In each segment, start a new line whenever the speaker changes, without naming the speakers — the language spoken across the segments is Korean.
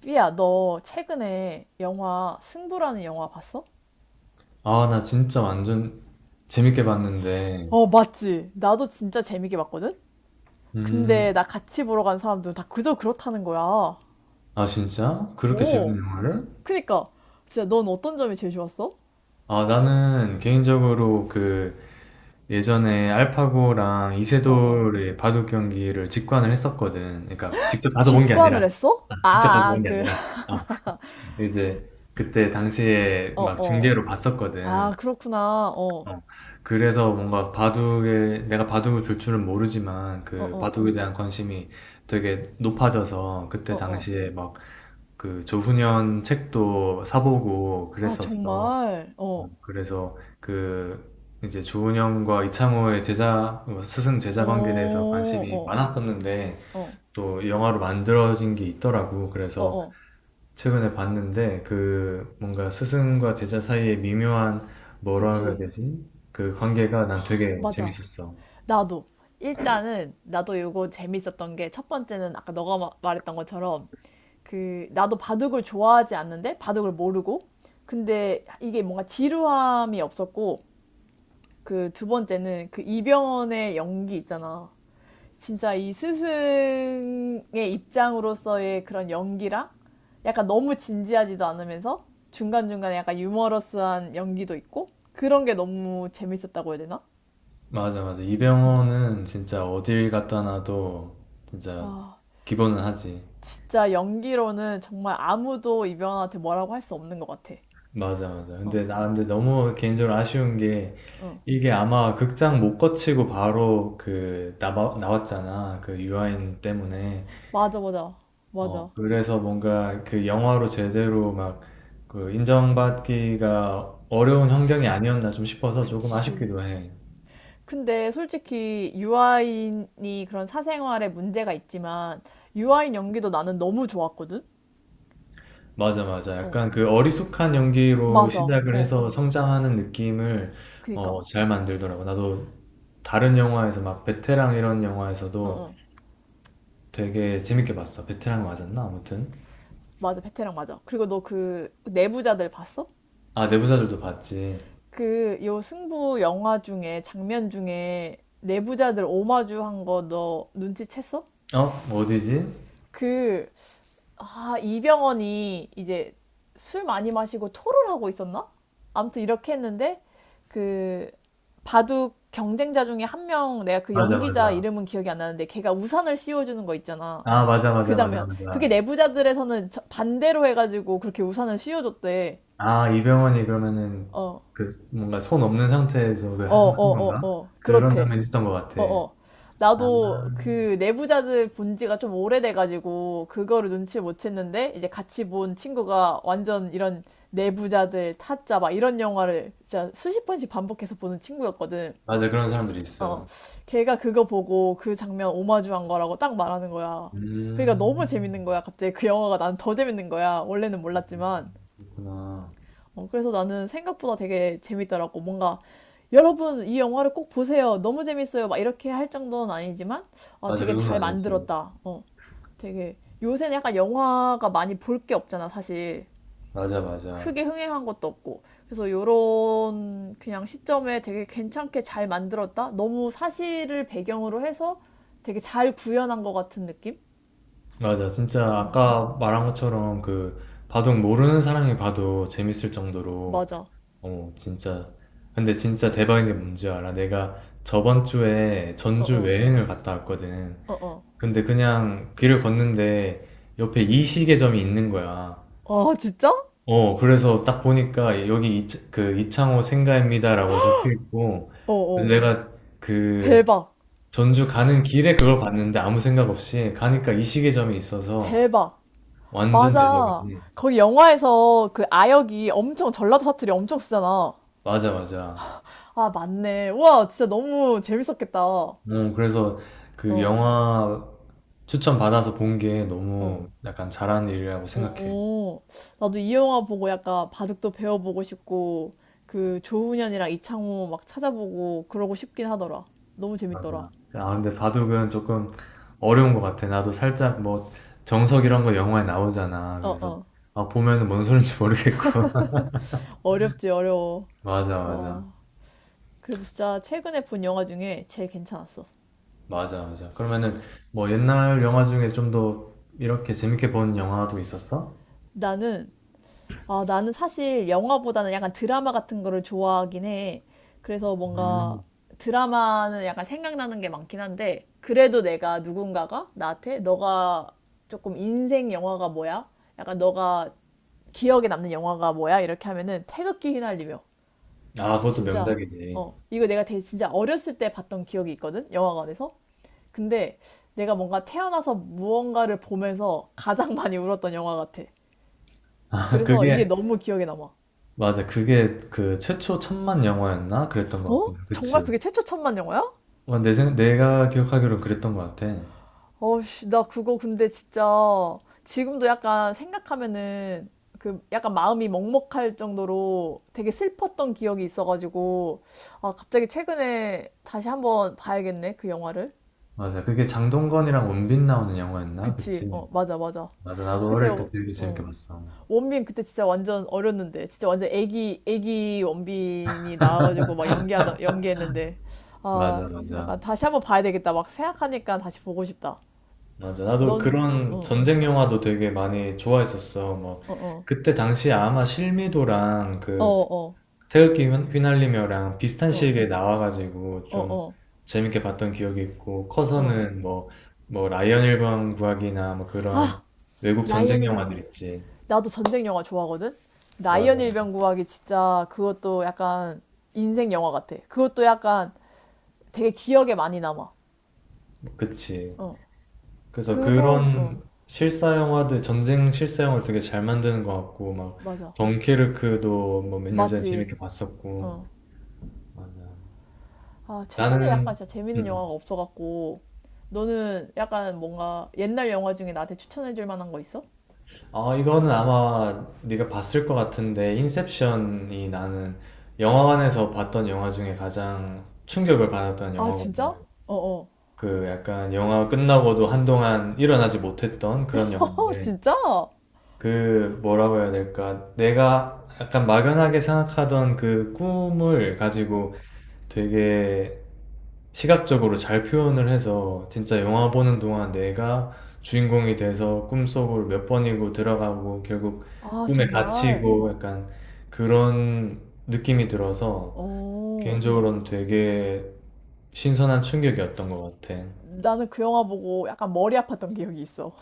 삐야, 너 최근에 영화 승부라는 영화 봤어?
아, 나 진짜 완전 재밌게 봤는데.
어, 맞지. 나도 진짜 재밌게 봤거든? 근데 나
음,
같이 보러 간 사람들은 다 그저 그렇다는 거야.
아, 진짜? 그렇게 재밌는
오,
영화를?
그니까. 진짜 넌 어떤 점이 제일 좋았어?
아, 나는 개인적으로 그 예전에 알파고랑
어, 어.
이세돌의 바둑 경기를 직관을 했었거든. 그러니까 직접 가서 본 게
직관을
아니라,
했어?
아,
아,
직접 가서
아,
본 게
그,
아니라, 아, 이제 그때 당시에
어,
막
어.
중계로
아,
봤었거든.
그렇구나. 어,
어, 그래서 뭔가 내가 바둑을 둘 줄은 모르지만
어,
그
어,
바둑에 대한 관심이 되게 높아져서
어,
그때
어.
당시에 막 그 조훈현 책도 사보고
아,
그랬었어.
정말.
어,
어,
그래서 그 이제 조훈현과 이창호의 제자 어, 스승
어,
제자 관계에 대해서 관심이
어,
많았었는데
어,
또 영화로 만들어진 게 있더라고.
어,
그래서
어.
최근에 봤는데 그 뭔가 스승과 제자 사이의 미묘한 뭐라 해야
그치.
되지? 그 관계가 난 되게
맞아.
재밌었어.
나도 일단은 나도 이거 재밌었던 게 첫 번째는 아까 너가 말했던 것처럼 그 나도 바둑을 좋아하지 않는데 바둑을 모르고 근데 이게 뭔가 지루함이 없었고 그 두 번째는 그 이병헌의 연기 있잖아. 진짜 이 스승의 입장으로서의 그런 연기랑 약간 너무 진지하지도 않으면서 중간중간에 약간 유머러스한 연기도 있고 그런 게 너무 재밌었다고 해야 되나?
맞아, 맞아. 이병헌은 진짜 어딜 갖다 놔도 진짜
와,
기본은 하지.
진짜 연기로는 정말 아무도 이병헌한테 뭐라고 할 수 없는 것 같아.
맞아, 맞아.
어,
근데 나 근데 너무 개인적으로 아쉬운 게
어.
이게 아마 극장 못 거치고 바로 그 나왔잖아. 그 유아인 때문에.
맞아, 맞아,
어,
맞아.
그래서 뭔가 그 영화로 제대로 막 그 인정받기가 어려운 환경이 아니었나 좀 싶어서 조금
그치.
아쉽기도 해.
근데 솔직히 유아인이 그런 사생활에 문제가 있지만 유아인 연기도 나는 너무 좋았거든?
맞아, 맞아.
어,
약간 그 어리숙한 연기로
맞아.
시작을
어,
해서 성장하는 느낌을
그니까.
어, 잘 만들더라고. 나도 다른 영화에서 막 베테랑 이런
어,
영화에서도
어.
되게 재밌게 봤어. 베테랑 맞았나? 아무튼.
맞아, 베테랑 맞아. 그리고 너 그 내부자들 봤어?
아, 내부자들도 봤지.
그 요 승부 영화 중에 장면 중에 내부자들 오마주 한 거 너 눈치챘어?
어? 뭐 어디지?
그 아, 이병헌이 이제 술 많이 마시고 토를 하고 있었나? 아무튼 이렇게 했는데 그 바둑 경쟁자 중에 한 명 내가 그
맞아,
연기자
맞아.
이름은 기억이 안 나는데 걔가 우산을 씌워주는 거 있잖아.
아, 맞아,
그
맞아, 맞아,
장면. 그게
맞아.
내부자들에서는 반대로 해가지고 그렇게 우산을 씌워줬대.
아, 이병헌이 그러면은
어,
그 뭔가 손 없는 상태에서 그
어,
한
어, 어,
건가?
어.
그런
그렇대.
장면이 있었던 것 같아.
어어.
아,
나도 그 내부자들 본 지가 좀 오래돼가지고 그거를 눈치 못 챘는데 이제 같이 본 친구가 완전 이런 내부자들 타짜 막 이런 영화를 진짜 수십 번씩 반복해서 보는 친구였거든.
맞아. 그런 사람들이
어.
있어.
걔가 그거 보고 그 장면 오마주한 거라고 딱 말하는 거야. 그러니까 너무
음,
재밌는 거야. 갑자기 그 영화가 난 더 재밌는 거야. 원래는 몰랐지만.
그렇구나.
어, 그래서 나는 생각보다 되게 재밌더라고. 뭔가 여러분 이 영화를 꼭 보세요. 너무 재밌어요. 막 이렇게 할 정도는 아니지만 어,
맞아. 그
되게
정도
잘
아니지.
만들었다. 어, 되게 요새는 약간 영화가 많이 볼 게 없잖아, 사실.
맞아, 맞아.
크게 흥행한 것도 없고. 그래서 요런 그냥 시점에 되게 괜찮게 잘 만들었다. 너무 사실을 배경으로 해서 되게 잘 구현한 것 같은 느낌?
맞아. 진짜 아까 말한 것처럼 그 바둑 모르는 사람이 봐도 재밌을 정도로
맞아.
어, 진짜. 근데 진짜 대박인 게 뭔지 알아? 내가 저번 주에 전주
어어.
여행을 갔다 왔거든.
어어.
근데 그냥 길을 걷는데 옆에 이 시계점이 있는 거야.
아, 진짜?
어, 그래서 딱 보니까 여기 이, 그 이창호 생가입니다라고 적혀 있고, 그래서
어어.
내가 그
대박.
전주 가는 길에 그걸 봤는데 아무 생각 없이 가니까 이 시계점이 있어서
대박.
완전
맞아.
대박이지.
거기 영화에서 그 아역이 엄청 전라도 사투리 엄청 쓰잖아.
맞아, 맞아.
아, 맞네. 우와, 진짜 너무 재밌었겠다. 어,
어, 그래서 그 영화 추천 받아서 본 게
어.
너무 약간 잘한 일이라고 생각해.
오, 나도 이 영화 보고 약간 바둑도 배워보고 싶고, 그 조훈현이랑 이창호 막 찾아보고 그러고 싶긴 하더라. 너무 재밌더라.
맞아. 아, 근데 바둑은 조금 어려운 것 같아. 나도 살짝 뭐 정석 이런 거 영화에 나오잖아.
어,
그래서
어.
아, 보면은 뭔 소린지 모르겠고.
어렵지, 어려워.
맞아, 맞아.
와. 그래도 진짜 최근에 본 영화 중에 제일 괜찮았어.
맞아, 맞아. 그러면은 뭐 옛날 영화 중에 좀 더 이렇게 재밌게 본 영화도 있었어?
나는 아, 나는 사실 영화보다는 약간 드라마 같은 거를 좋아하긴 해. 그래서 뭔가
음.
드라마는 약간 생각나는 게 많긴 한데, 그래도 내가 누군가가 나한테 너가 조금 인생 영화가 뭐야? 약간 너가 기억에 남는 영화가 뭐야? 이렇게 하면은 태극기 휘날리며.
아, 그것도
진짜.
명작이지.
어, 이거 내가 되게 진짜 어렸을 때 봤던 기억이 있거든? 영화관에서. 근데 내가 뭔가 태어나서 무언가를 보면서 가장 많이 울었던 영화 같아.
아,
그래서 이게
그게,
너무 기억에 남아.
맞아. 그게 그 최초 천만 영화였나? 그랬던 것
어?
같은데.
정말
그치.
그게 최초 천만 영화야?
와, 내가 기억하기로 그랬던 것 같아.
어씨, 나 그거 근데 진짜 지금도 약간 생각하면은 그 약간 마음이 먹먹할 정도로 되게 슬펐던 기억이 있어가지고 아, 갑자기 최근에 다시 한번 봐야겠네 그 영화를.
맞아. 그게 장동건이랑 원빈 나오는 영화였나?
그치?
그치?
어, 맞아, 맞아.
맞아. 나도
그때
어릴 때
어,
되게 재밌게
어.
봤어.
원빈 그때 진짜 완전 어렸는데 진짜 완전 애기 애기 원빈이 나와가지고 막 연기하다 연기했는데 아,
맞아,
약간
맞아.
다시 한번 봐야 되겠다 막 생각하니까 다시 보고 싶다.
맞아. 나도
넌,
그런
어,
전쟁 영화도 되게 많이 좋아했었어. 뭐,
어, 어,
그때 당시에 아마 실미도랑
어,
그
어,
태극기 휘날리며랑 비슷한
어,
시기에 나와가지고
어,
좀
어,
재밌게 봤던 기억이 있고,
어.
커서는 뭐, 라이언 1번 구하기나 뭐 그런
아,
외국
라이언
전쟁 영화들
일병구하기.
있지.
나도 전쟁 영화 좋아하거든? 라이언
맞아.
일병구하기 진짜 그것도 약간 인생 영화 같아. 그것도 약간 되게 기억에 많이 남아.
그치.
어,
그래서
그거, 어,
그런 실사 영화들, 전쟁 실사 영화를 되게 잘 만드는 것 같고, 막,
맞아.
덩케르크도 뭐 몇 년 전에
맞지.
재밌게 봤었고,
어.
맞아.
아, 최근에 약간
나는,
진짜 재밌는
음,
영화가 없어갖고, 너는 약간 뭔가 옛날 영화 중에 나한테 추천해줄 만한 거 있어?
어, 이거는 아마 네가 봤을 것 같은데, 인셉션이 나는 영화관에서 봤던 영화 중에 가장 충격을 받았던
아, 진짜?
영화거든.
어, 어.
그 약간 영화 끝나고도 한동안 일어나지 못했던 그런
어,
영화인데,
진짜?
그 뭐라고 해야 될까? 내가 약간 막연하게 생각하던 그 꿈을 가지고 되게 시각적으로 잘 표현을 해서 진짜 영화 보는 동안 내가 주인공이 돼서 꿈속으로 몇 번이고 들어가고 결국
아,
꿈에
정말.
갇히고 약간 그런 느낌이 들어서
어.
개인적으로는 되게 신선한 충격이었던 것 같아.
나는 그 영화 보고 약간 머리 아팠던 기억이 있어.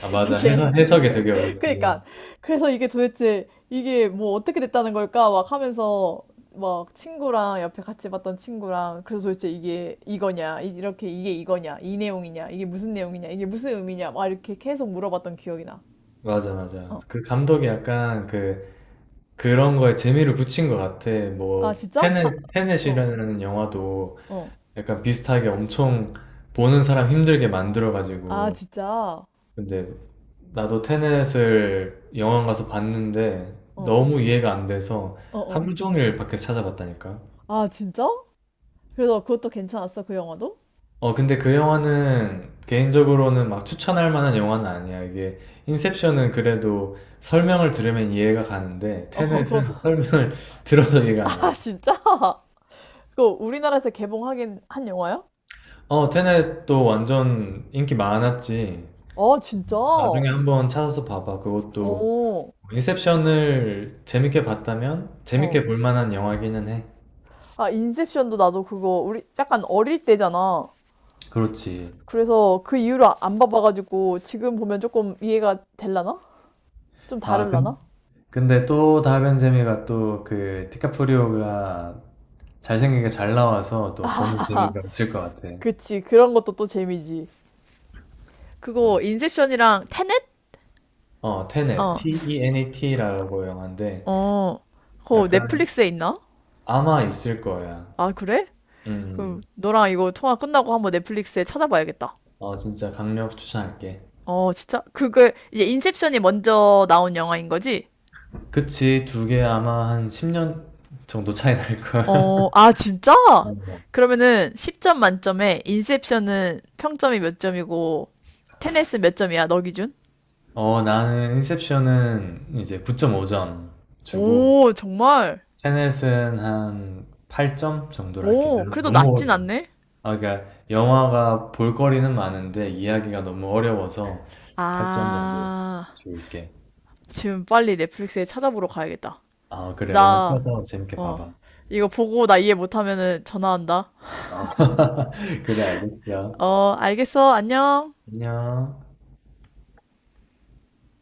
아, 맞아.
이게
해석이 되게 어렵지.
그러니까 그래서 이게 도대체 이게 뭐 어떻게 됐다는 걸까 막 하면서 막 친구랑 옆에 같이 봤던 친구랑 그래서 도대체 이게 이거냐 이렇게 이게 이거냐 이 내용이냐 이게 무슨 내용이냐 이게 무슨 의미냐 막 이렇게 계속 물어봤던 기억이 나.
맞아, 맞아.
어.
그 감독이 약간 그 그런 거에 재미를 붙인 것 같아.
아,
뭐,
진짜? 다 어.
테넷이라는 영화도
어.
약간 비슷하게 엄청 보는 사람 힘들게
아,
만들어가지고.
진짜?
근데 나도 테넷을 영화관 가서 봤는데
어.
너무 이해가 안 돼서
어, 어.
하루 종일 밖에서 찾아봤다니까.
아, 진짜? 그래서 그것도 괜찮았어 그 영화도?
어, 근데 그 영화는 개인적으로는 막 추천할 만한 영화는 아니야. 이게 인셉션은 그래도 설명을 들으면 이해가 가는데
어,
테넷은
그거.
설명을 들어도 이해가 안
아,
가.
진짜? 그거 우리나라에서 개봉하긴 한 영화야?
어, 테넷도 완전 인기 많았지.
아, 진짜?
나중에 한번 찾아서 봐봐. 그것도
오,
인셉션을 재밌게 봤다면
어.
재밌게 볼 만한 영화기는 해.
아, 인셉션도 나도 그거 우리 약간 어릴 때잖아.
그렇지.
그래서 그 이후로 안 봐봐가지고 지금 보면 조금 이해가 될라나? 좀
아, 근,
다를라나?
근데 또 다른 재미가 또 그 디카프리오가 잘생기게 잘 나와서 또 보는
하하,
재미가 있을 것 같아.
그치. 그런 것도 또 재미지. 그거 인셉션이랑 테넷?
어, 테넷,
어,
T-E-N-E-T라고 영화인데
어. 그거
약간
넷플릭스에 있나?
아마 있을 거야.
아, 그래? 그럼
음,
너랑 이거 통화 끝나고 한번 넷플릭스에 찾아봐야겠다.
어, 진짜 강력 추천할게.
어, 진짜? 그게 이제 인셉션이 먼저 나온 영화인 거지?
그치. 두 개 아마 한 10년 정도 차이 날걸.
어, 아, 진짜?
어,
그러면은 10점 만점에 인셉션은 평점이 몇 점이고 테넷은 몇 점이야, 너 기준?
어. 나는 인셉션은 이제 9.5점 주고
오, 정말?
테넷은 한 8점 정도로 할게.
오, 그래도
너무
낮진
어려워.
않네?
아, 그러니까 영화가 볼거리는 많은데 이야기가 너무 어려워서 8점 정도
아,
줄게.
지금 빨리 넷플릭스에 찾아보러 가야겠다.
아, 그래, 얼른
나,
펴서 재밌게
어,
봐봐.
이거 보고 나 이해 못하면은 전화한다.
어. 그래, 알겠어.
어, 알겠어. 안녕.
안녕.